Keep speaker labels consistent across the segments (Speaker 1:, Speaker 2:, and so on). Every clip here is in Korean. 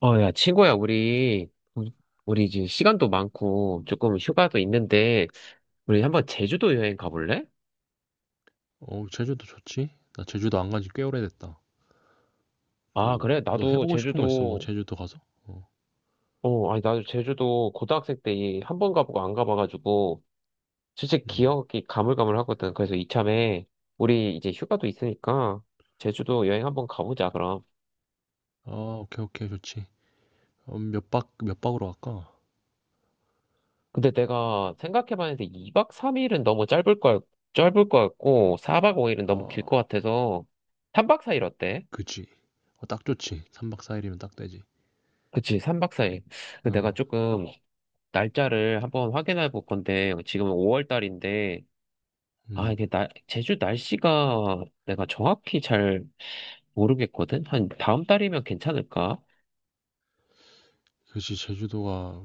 Speaker 1: 야, 친구야, 우리 이제 시간도 많고, 조금 휴가도 있는데, 우리 한번 제주도 여행 가볼래?
Speaker 2: 어, 제주도 좋지? 나 제주도 안 간지 꽤 오래됐다.
Speaker 1: 아,
Speaker 2: 뭐,
Speaker 1: 그래?
Speaker 2: 너
Speaker 1: 나도
Speaker 2: 해보고 싶은 거 있어? 뭐,
Speaker 1: 제주도,
Speaker 2: 제주도 가서? 어,
Speaker 1: 아니, 나도 제주도 고등학생 때 한번 가보고 안 가봐가지고, 진짜
Speaker 2: 음.
Speaker 1: 기억이 가물가물하거든. 그래서 이참에, 우리 이제 휴가도 있으니까, 제주도 여행 한번 가보자, 그럼.
Speaker 2: 아, 오케이, 오케이, 좋지. 어, 몇 박으로 갈까?
Speaker 1: 근데 내가 생각해봤는데, 2박 3일은 너무 짧을 거 같고, 4박 5일은 너무 길
Speaker 2: 아,
Speaker 1: 것 같아서, 3박 4일 어때?
Speaker 2: 그치. 어, 딱 좋지. 3박 4일이면 딱 되지.
Speaker 1: 그치, 3박 4일.
Speaker 2: 어,
Speaker 1: 내가 조금 날짜를 한번 확인해 볼 건데, 지금 5월 달인데, 아,
Speaker 2: 음.
Speaker 1: 이게 나, 제주 날씨가 내가 정확히 잘 모르겠거든? 한 다음 달이면 괜찮을까?
Speaker 2: 그치, 제주도가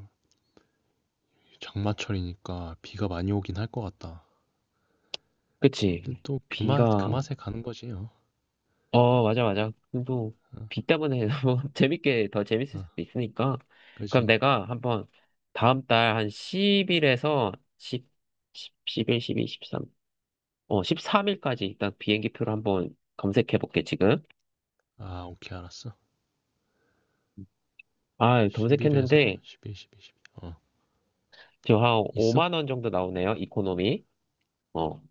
Speaker 2: 장마철이니까 비가 많이 오긴 할 것 같다.
Speaker 1: 그치?
Speaker 2: 근데 또 그 맛, 그
Speaker 1: 비가,
Speaker 2: 맛에 가는 거지, 어.
Speaker 1: 맞아, 맞아. 또,
Speaker 2: 어,
Speaker 1: 비 때문에 뭐 재밌게, 더 재밌을
Speaker 2: 어,
Speaker 1: 수도 있으니까. 그럼
Speaker 2: 그치.
Speaker 1: 내가 한번 다음 달 한 10일에서 1십 10, 11, 12, 13, 13일까지 일단 비행기표를 한번 검색해 볼게, 지금.
Speaker 2: 아, 오케이, 알았어.
Speaker 1: 아, 예,
Speaker 2: 1일에서
Speaker 1: 검색했는데,
Speaker 2: 11, 12, 12. 어,
Speaker 1: 지금 한
Speaker 2: 있어?
Speaker 1: 5만 원 정도 나오네요, 이코노미. 어,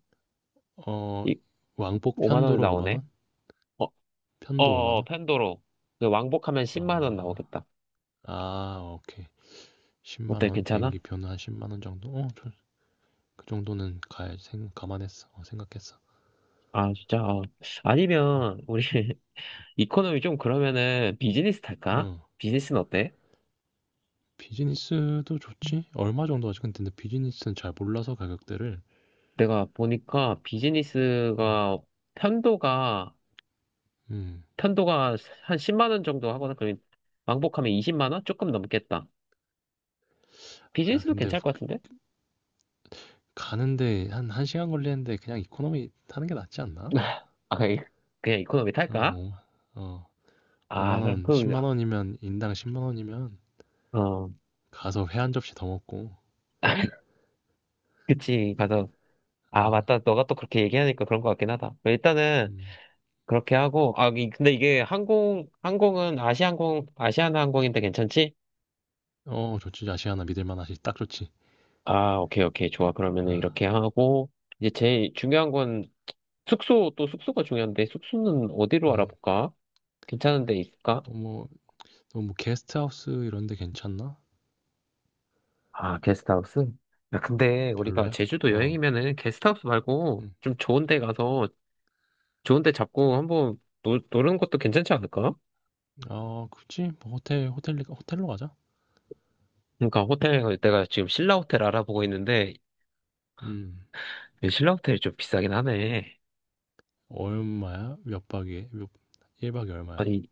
Speaker 2: 어,
Speaker 1: 이,
Speaker 2: 왕복
Speaker 1: 5만 원
Speaker 2: 편도로 5만
Speaker 1: 나오네.
Speaker 2: 원?
Speaker 1: 어, 어,
Speaker 2: 편도 5만
Speaker 1: 어,
Speaker 2: 원?
Speaker 1: 펜도로. 그 왕복하면 10만 원
Speaker 2: 아,
Speaker 1: 나오겠다.
Speaker 2: 아, 오케이. 10만
Speaker 1: 어때,
Speaker 2: 원
Speaker 1: 괜찮아?
Speaker 2: 비행기 표는 한 10만 원 정도? 어, 그 정도는 가야 생 감안했어. 어, 생각했어.
Speaker 1: 아, 진짜. 아.
Speaker 2: 어,
Speaker 1: 아니면, 우리, 이코노미 좀 그러면은 비즈니스 탈까?
Speaker 2: 어.
Speaker 1: 비즈니스는 어때?
Speaker 2: 비즈니스도 좋지? 얼마 정도 하지? 근데 비즈니스는 잘 몰라서 가격대를.
Speaker 1: 내가 보니까
Speaker 2: 음,
Speaker 1: 비즈니스가, 편도가,
Speaker 2: 음.
Speaker 1: 편도가 한 10만 원 정도 하거나, 그러면 왕복하면 20만 원? 조금 넘겠다.
Speaker 2: 아,
Speaker 1: 비즈니스도
Speaker 2: 근데
Speaker 1: 괜찮을 것
Speaker 2: 그,
Speaker 1: 같은데?
Speaker 2: 가는데 한 1시간 걸리는데 그냥 이코노미 타는 게 낫지 않나?
Speaker 1: 아, 그냥 그냥 이코노미 탈까?
Speaker 2: 어, 5, 어,
Speaker 1: 아,
Speaker 2: 5만
Speaker 1: 그럼
Speaker 2: 원,
Speaker 1: 그,
Speaker 2: 10만 원이면 인당 10만 원이면
Speaker 1: 어,
Speaker 2: 가서 회 한 접시 더 먹고.
Speaker 1: 그치. 가서, 아,
Speaker 2: 어,
Speaker 1: 맞다. 너가 또 그렇게 얘기하니까 그런 것 같긴 하다. 일단은,
Speaker 2: 음.
Speaker 1: 그렇게 하고, 아, 근데 이게 항공은 아시아나항공인데 괜찮지?
Speaker 2: 어, 좋지. 아시아나 믿을 만하지. 딱 좋지.
Speaker 1: 아, 오케이, 오케이. 좋아. 그러면은
Speaker 2: 아,
Speaker 1: 이렇게 하고, 이제 제일 중요한 건 숙소, 또 숙소가 중요한데, 숙소는 어디로
Speaker 2: 음.
Speaker 1: 알아볼까? 괜찮은 데 있을까?
Speaker 2: 어, 뭐, 너뭐 게스트하우스 이런 데 괜찮나?
Speaker 1: 아, 게스트하우스? 야, 근데 우리가
Speaker 2: 별로야?
Speaker 1: 제주도
Speaker 2: 어,
Speaker 1: 여행이면은 게스트하우스 말고
Speaker 2: 음.
Speaker 1: 좀 좋은 데 가서 좋은 데 잡고 한번 노는 것도 괜찮지 않을까?
Speaker 2: 아, 굳이 뭐 호텔로 가자.
Speaker 1: 그러니까 호텔 내가 지금 신라 호텔 알아보고
Speaker 2: 음,
Speaker 1: 있는데
Speaker 2: 음.
Speaker 1: 그 신라 호텔이 좀 비싸긴 하네.
Speaker 2: 얼마야? 몇 박에? 1박에 얼마야?
Speaker 1: 아니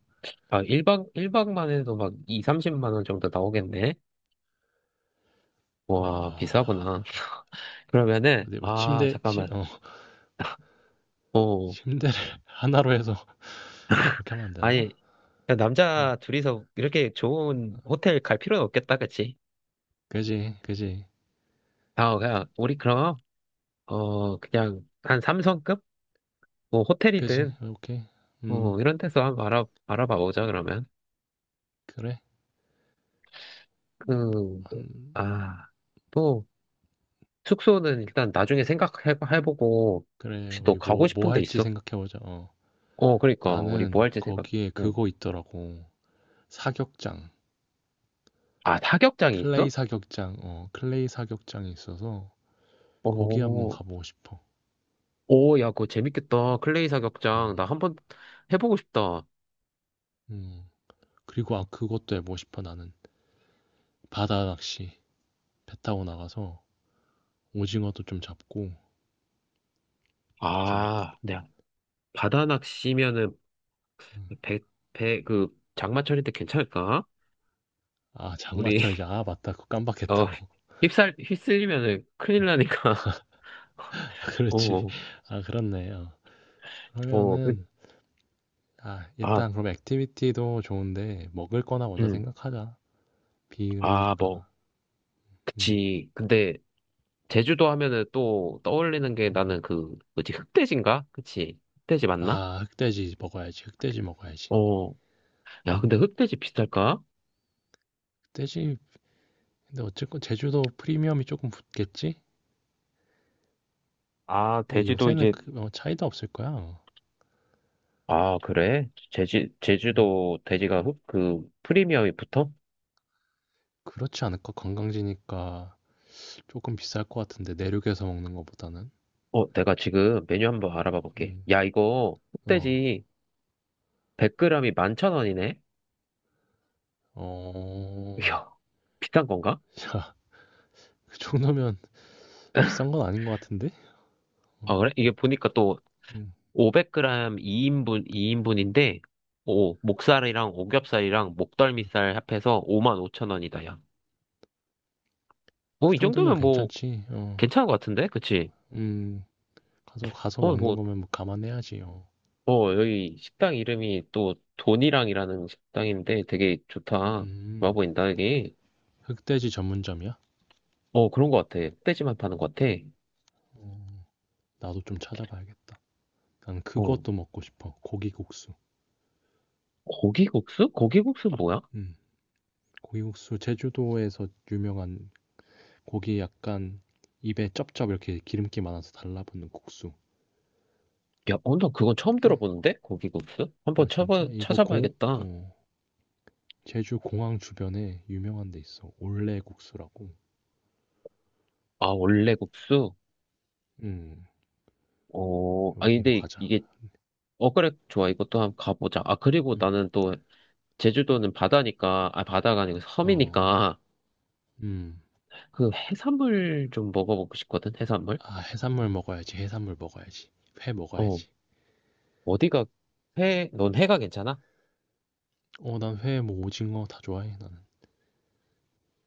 Speaker 1: 1박 1박만 해도 막 2, 30만 원 정도 나오겠네. 와,
Speaker 2: 아,
Speaker 1: 비싸구나. 그러면은
Speaker 2: 어디 뭐
Speaker 1: 아, 잠깐만. 어.
Speaker 2: 침대를 하나로 해서 그렇게 하면 안 되나?
Speaker 1: 아니 그냥
Speaker 2: 어,
Speaker 1: 남자 둘이서 이렇게 좋은 호텔 갈 필요는 없겠다. 그치?
Speaker 2: 그지, 그지,
Speaker 1: 아, 그냥 우리 그럼 그냥 한 3성급 뭐
Speaker 2: 그지,
Speaker 1: 호텔이든
Speaker 2: 오케이. 음,
Speaker 1: 뭐 이런 데서 한번 알아봐 보자 그러면.
Speaker 2: 그래.
Speaker 1: 그
Speaker 2: 한,
Speaker 1: 아또 숙소는 일단 나중에 생각해보고,
Speaker 2: 그래,
Speaker 1: 혹시 너
Speaker 2: 우리
Speaker 1: 가고
Speaker 2: 뭐,
Speaker 1: 싶은
Speaker 2: 뭐
Speaker 1: 데
Speaker 2: 할지
Speaker 1: 있어?
Speaker 2: 생각해보자. 어,
Speaker 1: 그러니까, 우리 뭐
Speaker 2: 나는
Speaker 1: 할지 생각,
Speaker 2: 거기에
Speaker 1: 응.
Speaker 2: 그거 있더라고. 사격장.
Speaker 1: 아, 사격장이
Speaker 2: 클레이
Speaker 1: 있어?
Speaker 2: 사격장, 어, 클레이 사격장이 있어서 거기 한번
Speaker 1: 오,
Speaker 2: 가보고 싶어.
Speaker 1: 오, 야, 그거 재밌겠다. 클레이 사격장. 나
Speaker 2: 음,
Speaker 1: 한번 해보고 싶다.
Speaker 2: 음. 그리고 아, 그것도 해보고 싶어, 나는. 바다 낚시. 배 타고 나가서 오징어도 좀 잡고 가서 뭐,
Speaker 1: 아, 네. 바다 낚시면은,
Speaker 2: 음.
Speaker 1: 배, 배, 그, 장마철일 때 괜찮을까?
Speaker 2: 아,
Speaker 1: 우리,
Speaker 2: 장마철이지. 아, 맞다. 그거
Speaker 1: 어,
Speaker 2: 깜빡했다.
Speaker 1: 휩쓸리면은 큰일 나니까.
Speaker 2: 아, 그렇지.
Speaker 1: 어,
Speaker 2: 아, 그렇네. 어.
Speaker 1: 어, 그,
Speaker 2: 그러면은, 아,
Speaker 1: 아,
Speaker 2: 일단 그럼 액티비티도 좋은데 먹을 거나 먼저
Speaker 1: 음,
Speaker 2: 생각하자. 비
Speaker 1: 아, 뭐,
Speaker 2: 오니까. 음,
Speaker 1: 그치. 근데, 제주도 하면은 또 떠올리는 게
Speaker 2: 음.
Speaker 1: 나는 그, 뭐지, 흑돼지인가? 그치? 흑돼지 맞나?
Speaker 2: 아, 흑돼지 먹어야지. 흑돼지 먹어야지.
Speaker 1: 어, 야, 근데
Speaker 2: 음.
Speaker 1: 흑돼지 비쌀까?
Speaker 2: 흑돼지 근데 어쨌건 제주도 프리미엄이 조금 붙겠지?
Speaker 1: 아,
Speaker 2: 근데
Speaker 1: 돼지도
Speaker 2: 요새는
Speaker 1: 이제,
Speaker 2: 차이도 없을 거야.
Speaker 1: 아, 그래? 제주,
Speaker 2: 음,
Speaker 1: 제주도 돼지가 그, 프리미엄이 붙어?
Speaker 2: 그렇지 않을까? 관광지니까 조금 비쌀 것 같은데 내륙에서 먹는 것보다는.
Speaker 1: 내가 지금 메뉴 한번 알아봐 볼게.
Speaker 2: 음,
Speaker 1: 야, 이거
Speaker 2: 어,
Speaker 1: 흑돼지 100g이 11,000원이네?
Speaker 2: 어,
Speaker 1: 이야, 비싼 건가?
Speaker 2: 야, 그 정도면 비싼 건 아닌 것 같은데? 어,
Speaker 1: 아, 그래? 이게 보니까 또
Speaker 2: 음,
Speaker 1: 500g 2인분인데 오, 목살이랑 오겹살이랑
Speaker 2: 음.
Speaker 1: 목덜미살 합해서 55,000원이다, 뭐,
Speaker 2: 그
Speaker 1: 이
Speaker 2: 정도면
Speaker 1: 정도면 뭐,
Speaker 2: 괜찮지. 어,
Speaker 1: 괜찮은 것 같은데? 그치?
Speaker 2: 음, 가서 먹는
Speaker 1: 뭐,
Speaker 2: 거면 뭐 감안해야지. 어,
Speaker 1: 여기 식당 이름이 또, 돈이랑이라는 식당인데 되게 좋다. 좋아
Speaker 2: 음,
Speaker 1: 보인다, 이게.
Speaker 2: 흑돼지 전문점이야?
Speaker 1: 어, 그런 것 같아. 흑돼지만 파는 것 같아.
Speaker 2: 나도 좀 찾아봐야겠다. 난
Speaker 1: 어,
Speaker 2: 그것도 먹고 싶어. 고기국수.
Speaker 1: 고기국수? 고기국수 뭐야?
Speaker 2: 음. 고기국수 제주도에서 유명한 고기 약간 입에 쩝쩝 이렇게 기름기 많아서 달라붙는 국수.
Speaker 1: 야, 나 그건 처음
Speaker 2: 이게-
Speaker 1: 들어보는데? 고기국수?
Speaker 2: 아
Speaker 1: 한번
Speaker 2: 진짜?
Speaker 1: 찾아봐야겠다.
Speaker 2: 어, 제주 공항 주변에 유명한 데 있어. 올레국수라고.
Speaker 1: 아, 원래 국수?
Speaker 2: 음
Speaker 1: 아,
Speaker 2: 여기로
Speaker 1: 근데
Speaker 2: 가자.
Speaker 1: 이게, 그래, 좋아. 이것도 한번 가보자. 아, 그리고
Speaker 2: 음,
Speaker 1: 나는 또, 제주도는 바다니까, 아, 바다가 아니고
Speaker 2: 어,
Speaker 1: 섬이니까,
Speaker 2: 음.
Speaker 1: 그 해산물 좀 먹어보고 싶거든, 해산물?
Speaker 2: 아 해산물 먹어야지. 해산물 먹어야지. 회
Speaker 1: 어,
Speaker 2: 먹어야지.
Speaker 1: 어디가, 넌 해가 괜찮아?
Speaker 2: 어, 난 회, 뭐 오징어 다 좋아해 나는.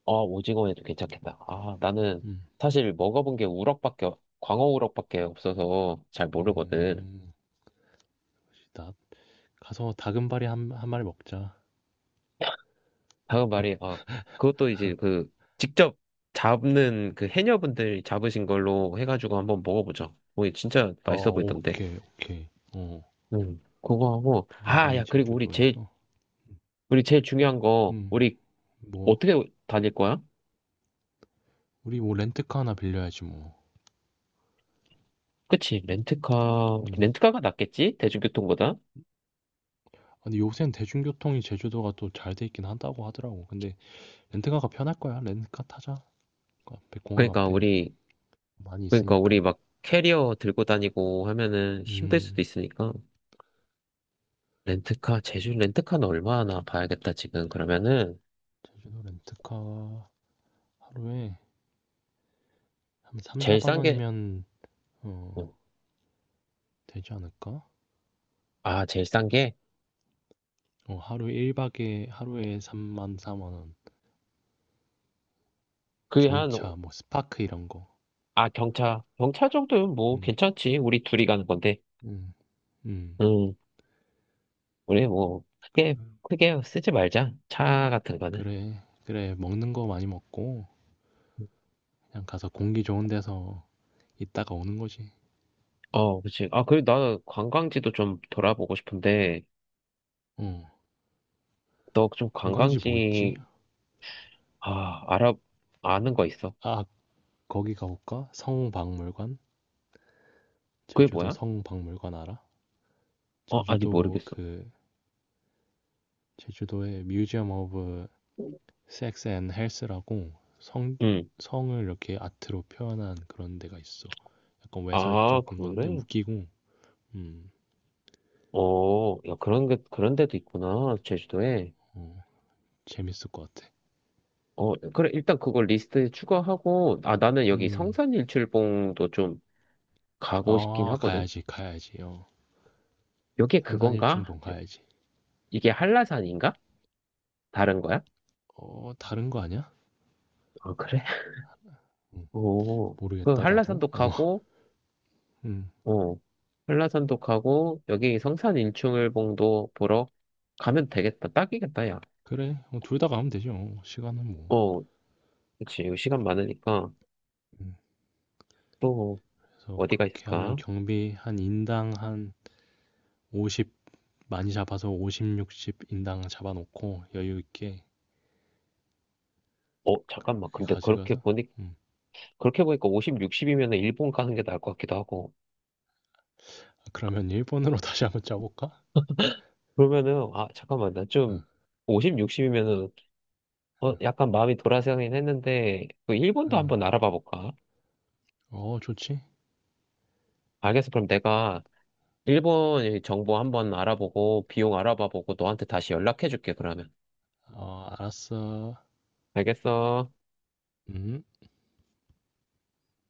Speaker 1: 아, 오징어에도 괜찮겠다. 아, 나는
Speaker 2: 음,
Speaker 1: 사실 먹어본 게 우럭밖에, 광어 우럭밖에 없어서 잘 모르거든.
Speaker 2: 음, 나 가서 다금바리 한 마리 먹자.
Speaker 1: 다음 말이, 아, 그것도 이제 그, 직접 잡는 그 해녀분들이 잡으신 걸로 해가지고 한번 먹어보자. 오, 진짜
Speaker 2: 어,
Speaker 1: 맛있어 보이던데.
Speaker 2: 오케이, 오케이. 어.
Speaker 1: 그거 하고, 아,
Speaker 2: 단발이
Speaker 1: 야, 그리고 우리 제일,
Speaker 2: 제주도에서?
Speaker 1: 우리 제일 중요한 거,
Speaker 2: 음,
Speaker 1: 우리
Speaker 2: 뭐,
Speaker 1: 어떻게 다닐 거야?
Speaker 2: 우리 뭐 렌트카 하나 빌려야지 뭐.
Speaker 1: 그치, 렌트카,
Speaker 2: 음.
Speaker 1: 렌트카가 낫겠지? 대중교통보다?
Speaker 2: 아, 근데 요새는 대중교통이 제주도가 또 잘 돼 있긴 한다고 하더라고. 근데 렌트카가 편할 거야. 렌트카 타자. 그 앞에 공항
Speaker 1: 그러니까
Speaker 2: 앞에
Speaker 1: 우리,
Speaker 2: 많이
Speaker 1: 그러니까 우리
Speaker 2: 있으니까.
Speaker 1: 막 캐리어 들고 다니고 하면은 힘들 수도
Speaker 2: 음,
Speaker 1: 있으니까. 렌트카, 제주 렌트카는 얼마나 봐야겠다, 지금. 그러면은,
Speaker 2: 제주도 렌트카 하루에 한 3,
Speaker 1: 제일
Speaker 2: 4만
Speaker 1: 싼 게,
Speaker 2: 원이면 어,
Speaker 1: 어,
Speaker 2: 되지 않을까?
Speaker 1: 제일 싼 게?
Speaker 2: 어, 하루에 1박에 하루에 3만, 4만 원.
Speaker 1: 그게 한,
Speaker 2: 경차, 뭐 스파크 이런 거.
Speaker 1: 아, 경차. 경차 정도면 뭐,
Speaker 2: 음,
Speaker 1: 괜찮지. 우리 둘이 가는 건데.
Speaker 2: 음, 음.
Speaker 1: 음, 우리 뭐, 크게 쓰지 말자. 차 같은 거는.
Speaker 2: 그래, 그래. 먹는 거 많이 먹고 그냥 가서 공기 좋은 데서 있다가 오는 거지.
Speaker 1: 어, 그치. 아, 그리고 나 관광지도 좀 돌아보고 싶은데,
Speaker 2: 응.
Speaker 1: 너 좀
Speaker 2: 관광지 뭐 있지?
Speaker 1: 관광지 아, 아는 거 있어.
Speaker 2: 아, 거기 가볼까? 성박물관?
Speaker 1: 그게
Speaker 2: 제주도
Speaker 1: 뭐야?
Speaker 2: 성박물관 알아?
Speaker 1: 어, 아니,
Speaker 2: 제주도
Speaker 1: 모르겠어.
Speaker 2: 그 제주도에 뮤지엄 오브 섹스 앤 헬스라고 성
Speaker 1: 응.
Speaker 2: 성을 이렇게 아트로 표현한 그런 데가 있어. 약간
Speaker 1: 아,
Speaker 2: 외설적인 건데
Speaker 1: 그래?
Speaker 2: 웃기고 음,
Speaker 1: 어, 야, 그런 데도 있구나, 제주도에.
Speaker 2: 어, 재밌을 것 같아.
Speaker 1: 어, 그래, 일단 그걸 리스트에 추가하고, 아, 나는 여기
Speaker 2: 음.
Speaker 1: 성산일출봉도 좀 가고 싶긴
Speaker 2: 아,
Speaker 1: 하거든?
Speaker 2: 가야지, 가야지. 어.
Speaker 1: 여기에 그건가?
Speaker 2: 성산일충봉 가야지.
Speaker 1: 이게 한라산인가? 다른 거야?
Speaker 2: 어, 다른 거 아니야?
Speaker 1: 아, 그래?
Speaker 2: 음,
Speaker 1: 오, 그
Speaker 2: 모르겠다, 나도. 어, 음,
Speaker 1: 어, 한라산도 가고, 여기 성산일출봉도 보러 가면 되겠다. 딱이겠다, 야.
Speaker 2: 그래. 어, 둘 다 가면 되죠. 어, 시간은 뭐.
Speaker 1: 어, 그치, 이거 시간 많으니까
Speaker 2: 음,
Speaker 1: 또
Speaker 2: 그래서
Speaker 1: 어디가
Speaker 2: 그렇게 하면
Speaker 1: 있을까?
Speaker 2: 경비 한 인당 한 50, 많이 잡아서 50, 60 인당 잡아놓고 여유 있게
Speaker 1: 잠깐만.
Speaker 2: 그렇게
Speaker 1: 근데
Speaker 2: 가져가서. 음,
Speaker 1: 그렇게 보니까 50, 60이면 일본 가는 게 나을 것 같기도 하고.
Speaker 2: 아, 그러면 일본으로 다시 한번 짜볼까?
Speaker 1: 그러면은, 아, 잠깐만. 나
Speaker 2: 응,
Speaker 1: 좀, 50, 60이면은, 약간 마음이 돌아서긴 했는데, 그 일본도
Speaker 2: 응.
Speaker 1: 한번 알아봐 볼까?
Speaker 2: 어, 어, 좋지.
Speaker 1: 알겠어. 그럼 내가 일본 정보 한번 알아보고, 비용 알아봐 보고, 너한테 다시 연락해 줄게, 그러면.
Speaker 2: 어, 알았어.
Speaker 1: 알겠어.
Speaker 2: 음.